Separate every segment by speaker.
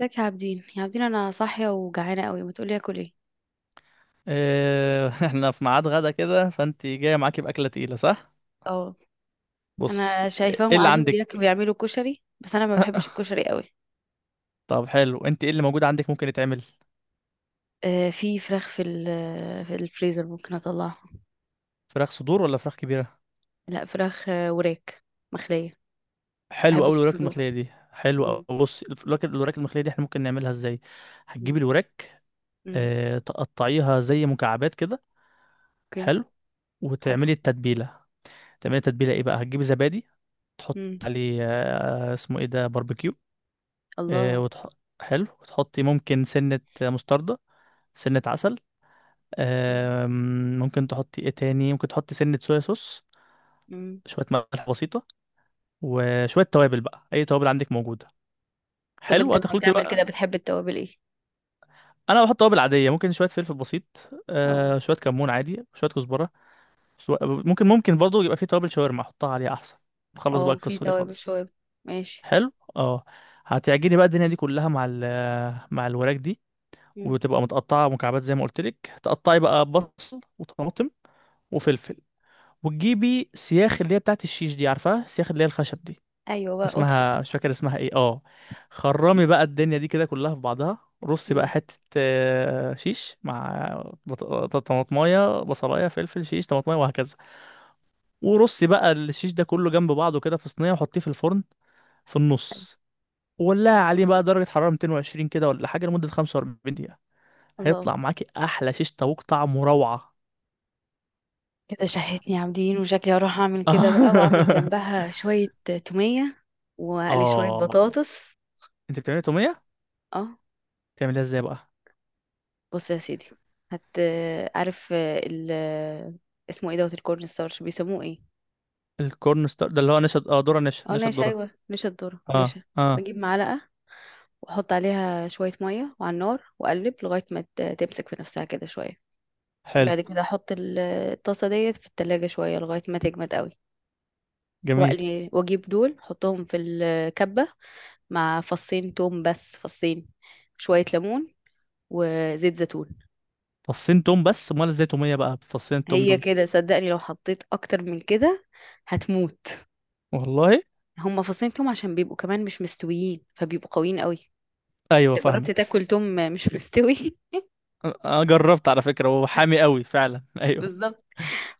Speaker 1: ازيك يا عابدين يا عابدين، انا صاحيه وجعانه قوي، ما تقولي اكل ايه؟
Speaker 2: إيه، احنا في ميعاد غدا كده، فانت جايه معاكي باكله تقيله، صح؟
Speaker 1: اه. انا
Speaker 2: بصي، ايه
Speaker 1: شايفاهم
Speaker 2: اللي
Speaker 1: قاعدين
Speaker 2: عندك؟
Speaker 1: بياكلوا بيعملوا كشري، بس انا ما بحبش الكشري قوي.
Speaker 2: طب حلو، انت ايه اللي موجود عندك ممكن يتعمل؟
Speaker 1: آه، في فراخ في الفريزر، ممكن اطلعها.
Speaker 2: فراخ صدور ولا فراخ كبيره؟
Speaker 1: لا، فراخ، وراك مخليه. ما
Speaker 2: حلو
Speaker 1: بحبش
Speaker 2: قوي الوراك
Speaker 1: الصدور.
Speaker 2: المخليه دي. حلو
Speaker 1: مم،
Speaker 2: قوي، بصي الوراك المخليه دي احنا ممكن نعملها ازاي؟
Speaker 1: مم،
Speaker 2: هتجيبي الوراك.
Speaker 1: مم.
Speaker 2: اه، تقطعيها زي مكعبات كده.
Speaker 1: اوكي.
Speaker 2: حلو،
Speaker 1: حلو.
Speaker 2: وتعملي التتبيله. تعملي تتبيله ايه بقى؟ هتجيبي زبادي، تحط
Speaker 1: مم.
Speaker 2: عليه، اسمه ايه ده، باربيكيو. آه،
Speaker 1: الله.
Speaker 2: وتح... حلو، وتحطي ممكن سنه مستردة، سنه عسل.
Speaker 1: مم.
Speaker 2: آم، ممكن تحطي ايه تاني؟ ممكن تحطي سنة صويا صوص،
Speaker 1: مم.
Speaker 2: شوية ملح بسيطة، وشوية توابل بقى، أي توابل عندك موجودة.
Speaker 1: طب
Speaker 2: حلو،
Speaker 1: انت لما
Speaker 2: هتخلطي
Speaker 1: بتعمل
Speaker 2: بقى.
Speaker 1: كده بتحب التوابل ايه؟
Speaker 2: أنا بحط توابل عادية، ممكن شوية فلفل بسيط،
Speaker 1: اه.
Speaker 2: شوية كمون عادي، شوية كزبرة. ممكن برضو يبقى فيه توابل شاورما، أحطها عليها أحسن. نخلص بقى
Speaker 1: اه، في
Speaker 2: القصة دي
Speaker 1: توابل
Speaker 2: خالص.
Speaker 1: شويه. ماشي.
Speaker 2: حلو، اه. هتعجني بقى الدنيا دي كلها مع الوراك دي،
Speaker 1: مم.
Speaker 2: وتبقى متقطعة مكعبات زي ما قلت لك. تقطعي بقى بصل وطماطم وفلفل، وتجيبي سياخ اللي هي بتاعت الشيش دي، عارفاها، سياخ اللي هي الخشب دي،
Speaker 1: ايوه بقى ادخل.
Speaker 2: اسمها مش فاكر اسمها ايه، اه. خرمي بقى الدنيا دي كده كلها في بعضها، رصي بقى
Speaker 1: مم.
Speaker 2: حتة، شيش مع طماطماية، بصلاية، فلفل، شيش، طماطماية، وهكذا. ورصي بقى الشيش ده كله جنب بعضه كده في صينية، وحطيه في الفرن في النص، وولعي عليه بقى درجة حرارة 220 كده ولا حاجة، لمدة 45 دقيقة.
Speaker 1: الله.
Speaker 2: هيطلع معاكي أحلى شيش طاووق طعمه روعة.
Speaker 1: كده شهيتني يا عابدين، وشكلي هروح اعمل كده بقى واعمل جنبها شوية تومية واقلي شوية
Speaker 2: آه.
Speaker 1: بطاطس.
Speaker 2: أنت بتعملي تومية؟
Speaker 1: اه.
Speaker 2: تعملها ازاي بقى؟
Speaker 1: بص يا سيدي، هت عارف اسمه ايه دوت الكورن ستارش بيسموه ايه؟
Speaker 2: الكورن ستار ده اللي هو نشا، اه، ذره نشا
Speaker 1: اه،
Speaker 2: نشا
Speaker 1: نشا،
Speaker 2: الذره.
Speaker 1: ايوه، نشا الذرة
Speaker 2: اه،
Speaker 1: نشا.
Speaker 2: اه،
Speaker 1: بجيب معلقة، واحط عليها شوية مية وعلى النار، واقلب لغاية ما تمسك في نفسها كده شوية.
Speaker 2: حلو.
Speaker 1: بعد كده احط الطاسة ديت في التلاجة شوية لغاية ما تجمد قوي.
Speaker 2: جميل.
Speaker 1: واقلي واجيب دول احطهم في الكبة، مع فصين توم، بس فصين، شوية ليمون وزيت زيتون.
Speaker 2: فصين توم بس؟ امال ازاي توميه بقى بفصين التوم
Speaker 1: هي
Speaker 2: دول؟
Speaker 1: كده، صدقني لو حطيت اكتر من كده هتموت.
Speaker 2: والله؟
Speaker 1: هما فصين توم عشان بيبقوا كمان مش مستويين، فبيبقوا قويين قوي.
Speaker 2: ايوه،
Speaker 1: انت جربت
Speaker 2: فاهمك.
Speaker 1: تاكل توم مش مستوي؟
Speaker 2: أنا جربت على فكره وهو حامي قوي فعلا. ايوه.
Speaker 1: بالظبط.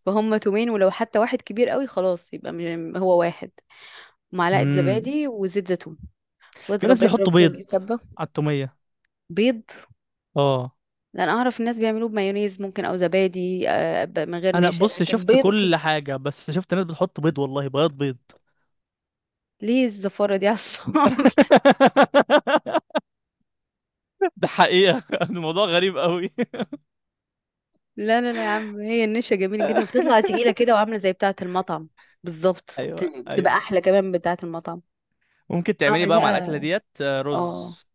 Speaker 1: فهم تومين، ولو حتى واحد كبير قوي خلاص يبقى هو واحد. معلقة
Speaker 2: امم.
Speaker 1: زبادي وزيت زيتون،
Speaker 2: في ناس
Speaker 1: واضرب اضرب
Speaker 2: بيحطوا
Speaker 1: في
Speaker 2: بيض
Speaker 1: الكبة.
Speaker 2: على التوميه.
Speaker 1: بيض.
Speaker 2: اه.
Speaker 1: لأن أعرف الناس بيعملوه بمايونيز ممكن، أو زبادي، من غير
Speaker 2: انا
Speaker 1: نشا،
Speaker 2: بص،
Speaker 1: لكن
Speaker 2: شفت
Speaker 1: بيض.
Speaker 2: كل حاجه، بس شفت ناس بتحط بيض، والله بياض بيض.
Speaker 1: ليه الزفارة دي على الصوابع؟
Speaker 2: ده حقيقه. الموضوع غريب قوي.
Speaker 1: لا لا لا يا عم، هي النشا جميلة جدا، وبتطلع تقيلة كده وعاملة زي بتاعة المطعم. بالظبط،
Speaker 2: ايوه،
Speaker 1: بتبقى
Speaker 2: ايوه.
Speaker 1: أحلى كمان من بتاعة المطعم.
Speaker 2: ممكن تعملي
Speaker 1: اعمل
Speaker 2: بقى مع الاكله
Speaker 1: بقى.
Speaker 2: ديت
Speaker 1: اه.
Speaker 2: رز؟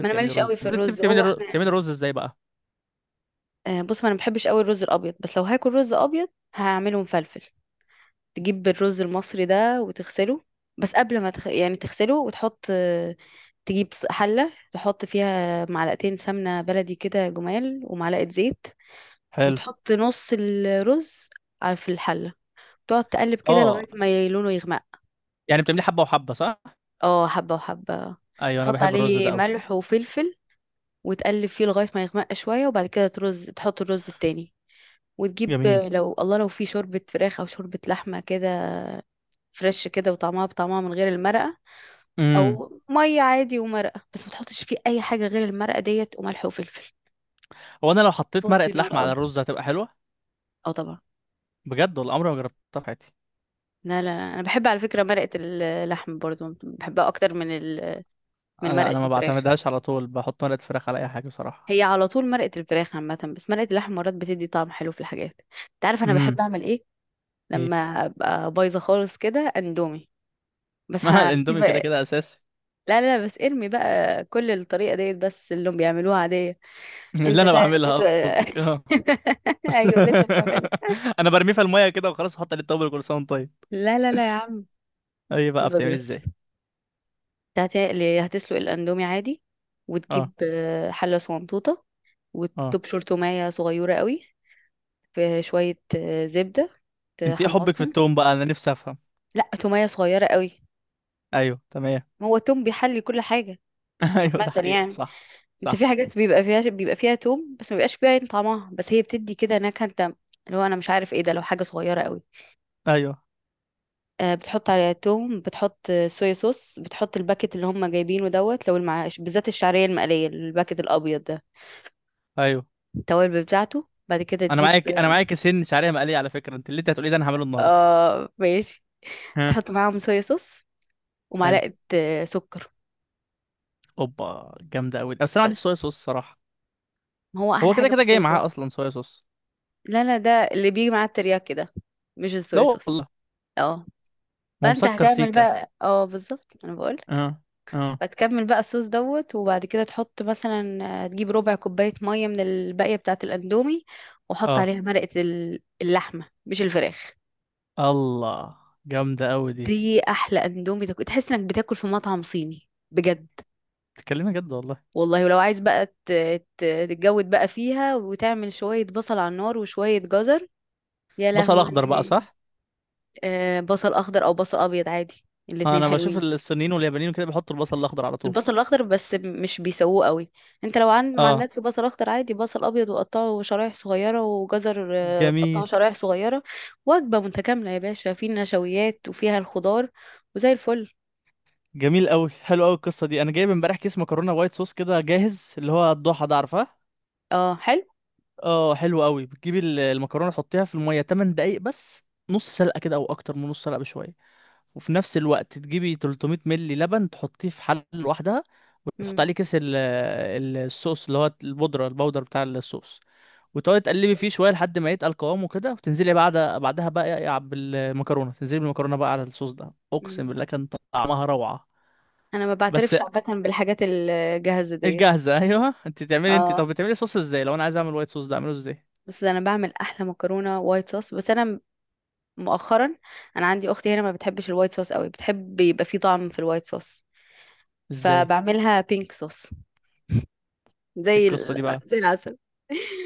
Speaker 1: ما انا
Speaker 2: تعملي
Speaker 1: ماليش
Speaker 2: رز؟
Speaker 1: قوي في
Speaker 2: بتعملي
Speaker 1: الرز،
Speaker 2: بتعملي
Speaker 1: هو
Speaker 2: بتعملي
Speaker 1: احنا
Speaker 2: رز ازاي بقى؟
Speaker 1: آه، بص، ما انا ما بحبش قوي الرز الابيض، بس لو هاكل رز ابيض هعمله مفلفل. تجيب الرز المصري ده وتغسله، بس قبل ما يعني تغسله، وتحط تجيب حلة، تحط فيها معلقتين سمنة بلدي كده جمال، ومعلقة زيت.
Speaker 2: حلو.
Speaker 1: وتحط نص الرز في الحلة، تقعد تقلب كده لغاية
Speaker 2: اه.
Speaker 1: ما لونه يغمق.
Speaker 2: يعني بتعملي حبه وحبه، صح؟
Speaker 1: اه، حبة وحبة.
Speaker 2: ايوه، انا
Speaker 1: تحط
Speaker 2: بحب الرز
Speaker 1: عليه
Speaker 2: ده قوي.
Speaker 1: ملح وفلفل، وتقلب فيه لغاية ما يغمق شوية، وبعد كده تحط الرز التاني. وتجيب
Speaker 2: جميل.
Speaker 1: لو، لو في شوربة فراخ أو شوربة لحمة كده، فريش كده، وطعمها بطعمها من غير المرقة.
Speaker 2: امم.
Speaker 1: أو مية عادي ومرقة، بس ما تحطش فيه أي حاجة غير المرقة ديت وملح وفلفل.
Speaker 2: هو انا لو حطيت مرقه
Speaker 1: توطي النار
Speaker 2: لحمه على
Speaker 1: قوي.
Speaker 2: الرز هتبقى حلوه؟
Speaker 1: اه، طبعا.
Speaker 2: بجد؟ والله عمري ما جربتها في حياتي.
Speaker 1: لا لا لا، أنا بحب على فكرة مرقة اللحم برضو، بحبها أكتر من من
Speaker 2: انا
Speaker 1: مرقة
Speaker 2: انا ما
Speaker 1: الفراخ.
Speaker 2: بعتمدهاش على طول، بحط مرقه فراخ على اي حاجه بصراحه.
Speaker 1: هي على طول مرقة الفراخ عامة، بس مرقة اللحم مرات بتدي طعم حلو في الحاجات. انت عارف انا بحب
Speaker 2: امم.
Speaker 1: اعمل ايه؟
Speaker 2: ايه؟
Speaker 1: لما ابقى بايظة خالص كده، اندومي. بس
Speaker 2: ما
Speaker 1: هسيب،
Speaker 2: الاندومي كده
Speaker 1: لا.
Speaker 2: كده اساسي.
Speaker 1: لا لا، بس ارمي بقى كل الطريقة ديت، بس اللي هم بيعملوها عادية.
Speaker 2: اللي
Speaker 1: انت
Speaker 2: انا بعملها
Speaker 1: تسلق.
Speaker 2: قصدك؟ اه.
Speaker 1: ايوه، اللي انت بتعملها.
Speaker 2: انا برميه في الميه كده وخلاص، احط عليه التوابل، كل سنه وأنت طيب.
Speaker 1: لا لا لا يا عم.
Speaker 2: ايه بقى؟
Speaker 1: سيبك
Speaker 2: بتعملي
Speaker 1: بس.
Speaker 2: ازاي؟
Speaker 1: انت هتسلق الاندومي عادي، وتجيب
Speaker 2: اه،
Speaker 1: حلة صغنطوطة،
Speaker 2: اه.
Speaker 1: وتبشر تومية صغيرة قوي، في شوية زبدة،
Speaker 2: انت ايه حبك في
Speaker 1: تحمصهم.
Speaker 2: التوم بقى؟ انا نفسي افهم.
Speaker 1: لا، تومية صغيرة قوي.
Speaker 2: ايوه، تمام.
Speaker 1: هو توم بيحلي كل حاجة
Speaker 2: ايوه، ده
Speaker 1: عامة
Speaker 2: حقيقة،
Speaker 1: يعني.
Speaker 2: صح.
Speaker 1: انت في
Speaker 2: صح.
Speaker 1: حاجات بيبقى فيها توم، بس ما بيبقاش فيها عين طعمها، بس هي بتدي كده نكهة، انت، اللي هو، انا مش عارف ايه ده، لو حاجة صغيرة قوي.
Speaker 2: ايوه،
Speaker 1: بتحط عليها توم، بتحط صويا صوص، بتحط الباكت اللي هم جايبينه دوت، لو بالذات الشعرية المقلية، الباكت الابيض ده،
Speaker 2: ايوه.
Speaker 1: التوابل بتاعته، بعد كده
Speaker 2: انا
Speaker 1: تجيب.
Speaker 2: معاك، انا معايا كيسين شعريه مقليه على فكره، اللي انت هتقولي ده انا هعمله النهارده.
Speaker 1: اه، ماشي.
Speaker 2: ها.
Speaker 1: تحط معاهم صويا صوص،
Speaker 2: حلو.
Speaker 1: ومعلقة سكر.
Speaker 2: اوبا، جامده قوي، بس انا ما عنديش
Speaker 1: بس،
Speaker 2: صويا صوص صراحه.
Speaker 1: ما هو
Speaker 2: هو
Speaker 1: احلى
Speaker 2: كده
Speaker 1: حاجة
Speaker 2: كده جاي
Speaker 1: بالصويا
Speaker 2: معاه
Speaker 1: صوص.
Speaker 2: اصلا صويا صوص.
Speaker 1: لا لا، ده اللي بيجي مع الترياكي ده، مش
Speaker 2: لا
Speaker 1: الصويا صوص.
Speaker 2: والله.
Speaker 1: اه.
Speaker 2: ما هو
Speaker 1: فانت
Speaker 2: مسكر
Speaker 1: هتعمل
Speaker 2: سيكا.
Speaker 1: بقى، اه، بالظبط، انا بقولك.
Speaker 2: اه، اه،
Speaker 1: فتكمل بقى الصوص دوت، وبعد كده تحط مثلا تجيب ربع كوباية مية من الباقية بتاعة الاندومي، وحط
Speaker 2: اه.
Speaker 1: عليها مرقة اللحمة، مش الفراخ.
Speaker 2: الله. جامده قوي دي.
Speaker 1: دي احلى اندومي تاكل، تحس انك بتاكل في مطعم صيني بجد.
Speaker 2: بتتكلمي جد والله؟
Speaker 1: والله، ولو عايز بقى تتجود بقى فيها، وتعمل شوية بصل على النار وشوية جزر. يا
Speaker 2: بصل اخضر بقى،
Speaker 1: لهوي.
Speaker 2: صح؟
Speaker 1: بصل اخضر او بصل ابيض عادي، الاتنين
Speaker 2: انا بشوف
Speaker 1: حلوين.
Speaker 2: الصينيين واليابانيين كده بيحطوا البصل الاخضر على طول.
Speaker 1: البصل الاخضر بس مش بيسووه قوي. انت لو ما
Speaker 2: اه،
Speaker 1: عندكش بصل اخضر عادي، بصل ابيض وقطعه شرايح صغيره، وجزر
Speaker 2: جميل.
Speaker 1: قطعه شرايح صغيره. وجبه متكامله يا باشا، في نشويات وفيها الخضار، وزي الفل.
Speaker 2: جميل قوي، حلو قوي القصه دي. انا جايب امبارح كيس مكرونه وايت صوص كده جاهز اللي هو الضحى ده، عارفاه؟
Speaker 1: اه، حلو.
Speaker 2: اه، حلو قوي. بتجيبي المكرونه، تحطيها في الميه 8 دقايق بس، نص سلقه كده او اكتر من نص سلقه بشويه. وفي نفس الوقت تجيبي 300 ملي لبن، تحطيه في حله لوحدها، وتحط
Speaker 1: مم.
Speaker 2: عليه كيس الصوص اللي هو البودر بتاع الصوص، وتقعدي تقلبي فيه شويه لحد ما يتقل قوامه كده، وتنزلي بعدها بقى بالمكرونه، تنزلي بالمكرونه بقى على الصوص ده، اقسم
Speaker 1: مم.
Speaker 2: بالله كان طعمها روعه.
Speaker 1: انا ما
Speaker 2: بس
Speaker 1: بعترفش عامه بالحاجات الجاهزه ديت.
Speaker 2: الجاهزة، ايوه. انت تعملي انت،
Speaker 1: اه،
Speaker 2: طب بتعملي صوص ازاي لو انا عايز اعمل وايت صوص ده، اعمله ازاي؟
Speaker 1: بس انا بعمل احلى مكرونه وايت صوص، بس انا مؤخرا، انا عندي اختي هنا ما بتحبش الوايت صوص قوي، بتحب يبقى فيه طعم في الوايت صوص،
Speaker 2: ازاي
Speaker 1: فبعملها بينك صوص. زي
Speaker 2: القصة دي بقى؟
Speaker 1: زي العسل.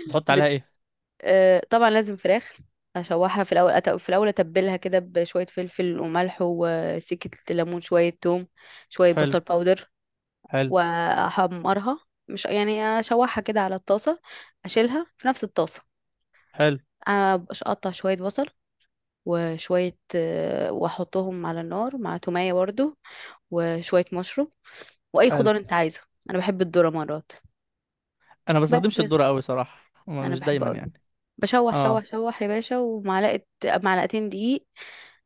Speaker 2: بتحط عليها
Speaker 1: بت...
Speaker 2: ايه؟
Speaker 1: آه، طبعا لازم فراخ. اشوحها في الاول، في الاول اتبلها كده بشويه فلفل وملح وسكه ليمون، شويه توم، شويه
Speaker 2: حلو.
Speaker 1: بصل باودر،
Speaker 2: حلو.
Speaker 1: واحمرها. مش يعني اشوحها كده على الطاسه، اشيلها في نفس الطاسه.
Speaker 2: حلو.
Speaker 1: أبقاش اقطع شويه بصل، وشويه واحطهم على النار مع توميه برضو، وشويه مشروم، واي
Speaker 2: حلو.
Speaker 1: خضار انت عايزه. انا بحب الذره مرات.
Speaker 2: انا ما
Speaker 1: بس
Speaker 2: بستخدمش الذرة قوي صراحة،
Speaker 1: انا
Speaker 2: مش
Speaker 1: بحبه
Speaker 2: دايما
Speaker 1: قوي.
Speaker 2: يعني.
Speaker 1: بشوح
Speaker 2: اه،
Speaker 1: شوح شوح يا باشا، ومعلقه معلقتين دقيق،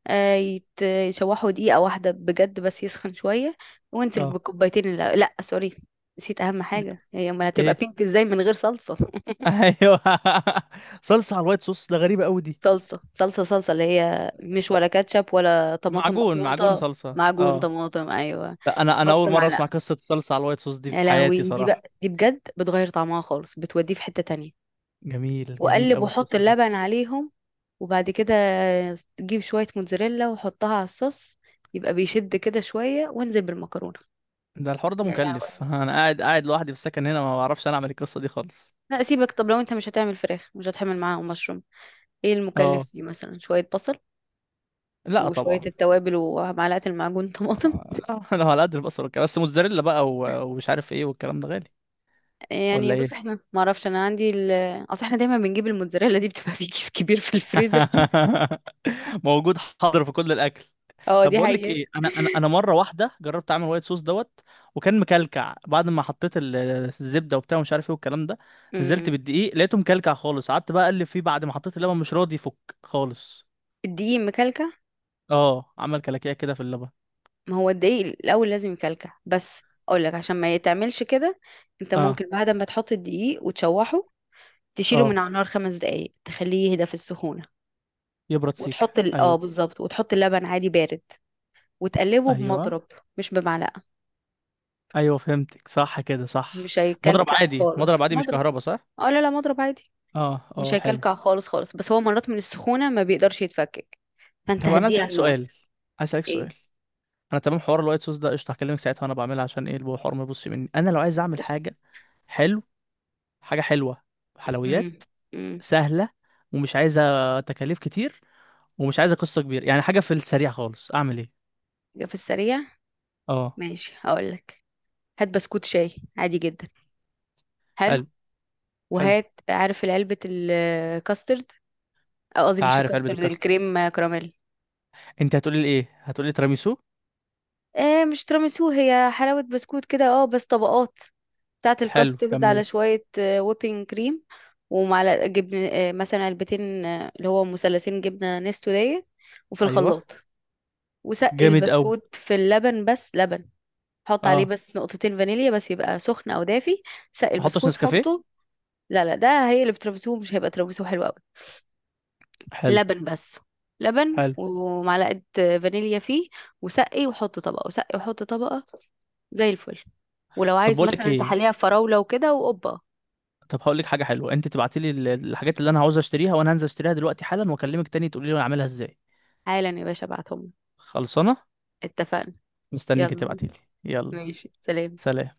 Speaker 1: يشوحوا دقيقة واحدة بجد، بس يسخن شوية. وانزل
Speaker 2: اه.
Speaker 1: بكوبايتين، لا, لا، سوري، نسيت أهم
Speaker 2: مش-
Speaker 1: حاجة، هي أمال هتبقى
Speaker 2: ايه؟
Speaker 1: بينك ازاي من غير صلصة؟
Speaker 2: ايوه. صلصة على الوايت صوص ده؟ غريبة قوي دي.
Speaker 1: صلصة صلصة صلصة، اللي هي مش ولا كاتشب ولا طماطم
Speaker 2: معجون
Speaker 1: مخلوطة.
Speaker 2: صلصة،
Speaker 1: معجون
Speaker 2: اه.
Speaker 1: طماطم، أيوة.
Speaker 2: لا، انا
Speaker 1: حط
Speaker 2: اول مرة اسمع
Speaker 1: معلقة.
Speaker 2: قصة الصلصة على الوايت صوص دي
Speaker 1: يا
Speaker 2: في حياتي
Speaker 1: لهوي،
Speaker 2: صراحة.
Speaker 1: دي بجد بتغير طعمها خالص، بتوديه في حتة تانية.
Speaker 2: جميل، جميل
Speaker 1: واقلب
Speaker 2: قوي
Speaker 1: واحط
Speaker 2: القصة دي.
Speaker 1: اللبن عليهم، وبعد كده تجيب شوية موتزاريلا وحطها على الصوص، يبقى بيشد كده شوية، وانزل بالمكرونة.
Speaker 2: ده الحوار ده
Speaker 1: يا
Speaker 2: مكلف.
Speaker 1: لهوي.
Speaker 2: انا قاعد قاعد لوحدي في السكن هنا، ما بعرفش انا اعمل القصة دي خالص.
Speaker 1: لا سيبك، طب لو انت مش هتعمل فراخ، مش هتحمل معاهم مشروم، ايه المكلف
Speaker 2: اه،
Speaker 1: فيه؟ مثلا شوية بصل،
Speaker 2: لا
Speaker 1: وشوية
Speaker 2: طبعا.
Speaker 1: التوابل، ومعلقة المعجون طماطم.
Speaker 2: لا، انا على قد البصل والكلام، بس موتزاريلا بقى ومش عارف ايه والكلام ده غالي.
Speaker 1: يعني
Speaker 2: ولا
Speaker 1: بص
Speaker 2: ايه؟
Speaker 1: احنا، ما اعرفش، انا عندي اصل احنا دايما بنجيب الموتزاريلا دي، بتبقى في كيس كبير في الفريزر.
Speaker 2: موجود حاضر في كل الاكل.
Speaker 1: اه،
Speaker 2: طب
Speaker 1: دي
Speaker 2: بقول لك
Speaker 1: حقيقة.
Speaker 2: ايه، انا مره واحده جربت اعمل وايت صوص دوت، وكان مكلكع بعد ما حطيت الزبده وبتاع ومش عارف ايه والكلام ده. نزلت
Speaker 1: امم.
Speaker 2: بالدقيق لقيته مكلكع خالص، قعدت بقى اقلب فيه بعد ما حطيت اللبن مش راضي يفك خالص.
Speaker 1: الدقيق مكلكع؟
Speaker 2: اه، عمل كلاكيع كده في اللبن.
Speaker 1: ما هو الدقيق الاول لازم يكلكع، بس اقول لك عشان ما يتعملش كده. انت
Speaker 2: اه،
Speaker 1: ممكن بعد ما تحط الدقيق وتشوحه، تشيله من
Speaker 2: اه،
Speaker 1: على النار 5 دقايق، تخليه يهدى في السخونه.
Speaker 2: يبرد سيكه،
Speaker 1: وتحط ال... اه
Speaker 2: ايوه.
Speaker 1: بالظبط، وتحط اللبن عادي بارد، وتقلبه
Speaker 2: ايوه،
Speaker 1: بمضرب، مش بمعلقه.
Speaker 2: ايوه، فهمتك، صح كده، صح.
Speaker 1: مش
Speaker 2: مضرب
Speaker 1: هيكلكع
Speaker 2: عادي،
Speaker 1: خالص،
Speaker 2: مضرب عادي، مش
Speaker 1: مضرب.
Speaker 2: كهربا، صح؟
Speaker 1: اه، لا لا، مضرب عادي.
Speaker 2: اه،
Speaker 1: مش
Speaker 2: اه، حلو.
Speaker 1: هيكلكع خالص خالص، بس هو مرات من السخونه ما بيقدرش يتفكك، فانت
Speaker 2: طب انا
Speaker 1: هديه
Speaker 2: اسالك
Speaker 1: على النار.
Speaker 2: سؤال، اسالك
Speaker 1: ايه؟
Speaker 2: سؤال. انا تمام، حوار الوايت صوص ده قشطه، هكلمك ساعتها وانا بعملها. عشان ايه الحوار، ما يبص مني انا لو عايز اعمل حاجه. حلو. حاجه حلوه،
Speaker 1: امم.
Speaker 2: حلويات
Speaker 1: امم.
Speaker 2: سهله، ومش عايزه تكاليف كتير، ومش عايزه قصه كبيره، يعني حاجه في السريع خالص، اعمل ايه؟
Speaker 1: في السريع.
Speaker 2: اه،
Speaker 1: ماشي، هقول لك، هات بسكوت شاي عادي جدا. حلو.
Speaker 2: حلو. حلو،
Speaker 1: وهات، عارف علبة الكاسترد، قصدي مش
Speaker 2: عارف علبه
Speaker 1: الكاسترد،
Speaker 2: الكاستر.
Speaker 1: الكريم كراميل.
Speaker 2: انت هتقولي لي ايه؟ هتقولي لي تيراميسو؟
Speaker 1: مش تراميسو، هي حلاوة بسكوت كده، اه، بس طبقات بتاعة
Speaker 2: حلو،
Speaker 1: الكاسترد على
Speaker 2: كمل.
Speaker 1: شوية ويبنج كريم، ومعلقة جبن، مثلا علبتين، اللي هو مثلثين جبنة نستو ديت، وفي
Speaker 2: ايوه.
Speaker 1: الخلاط. وسقي
Speaker 2: جامد قوي.
Speaker 1: البسكوت في اللبن، بس لبن. حط عليه
Speaker 2: اه،
Speaker 1: بس نقطتين فانيليا، بس يبقى سخن او دافي. سقي
Speaker 2: ما احطش
Speaker 1: البسكوت،
Speaker 2: نسكافيه؟
Speaker 1: حطه. لا لا، ده هيقلب تراميسو، مش هيبقى تراميسو حلو قوي.
Speaker 2: حلو.
Speaker 1: لبن بس، لبن
Speaker 2: حلو.
Speaker 1: ومعلقة فانيليا فيه. وسقي وحط طبقة، وسقي وحط طبقة، زي الفل. ولو
Speaker 2: طب
Speaker 1: عايز
Speaker 2: بقول لك
Speaker 1: مثلا
Speaker 2: ايه،
Speaker 1: تحليها بفراولة وكده وقبة.
Speaker 2: طب هقول لك حاجه حلوه، انت تبعتي لي الحاجات اللي انا عاوز اشتريها، وانا هنزل اشتريها دلوقتي حالا، واكلمك تاني تقولي لي انا اعملها ازاي.
Speaker 1: حالا يا باشا، ابعتهم لك.
Speaker 2: خلصانه.
Speaker 1: اتفقنا.
Speaker 2: مستنيك
Speaker 1: يلا.
Speaker 2: تبعتي لي. يلا
Speaker 1: ماشي، سلام.
Speaker 2: سلام.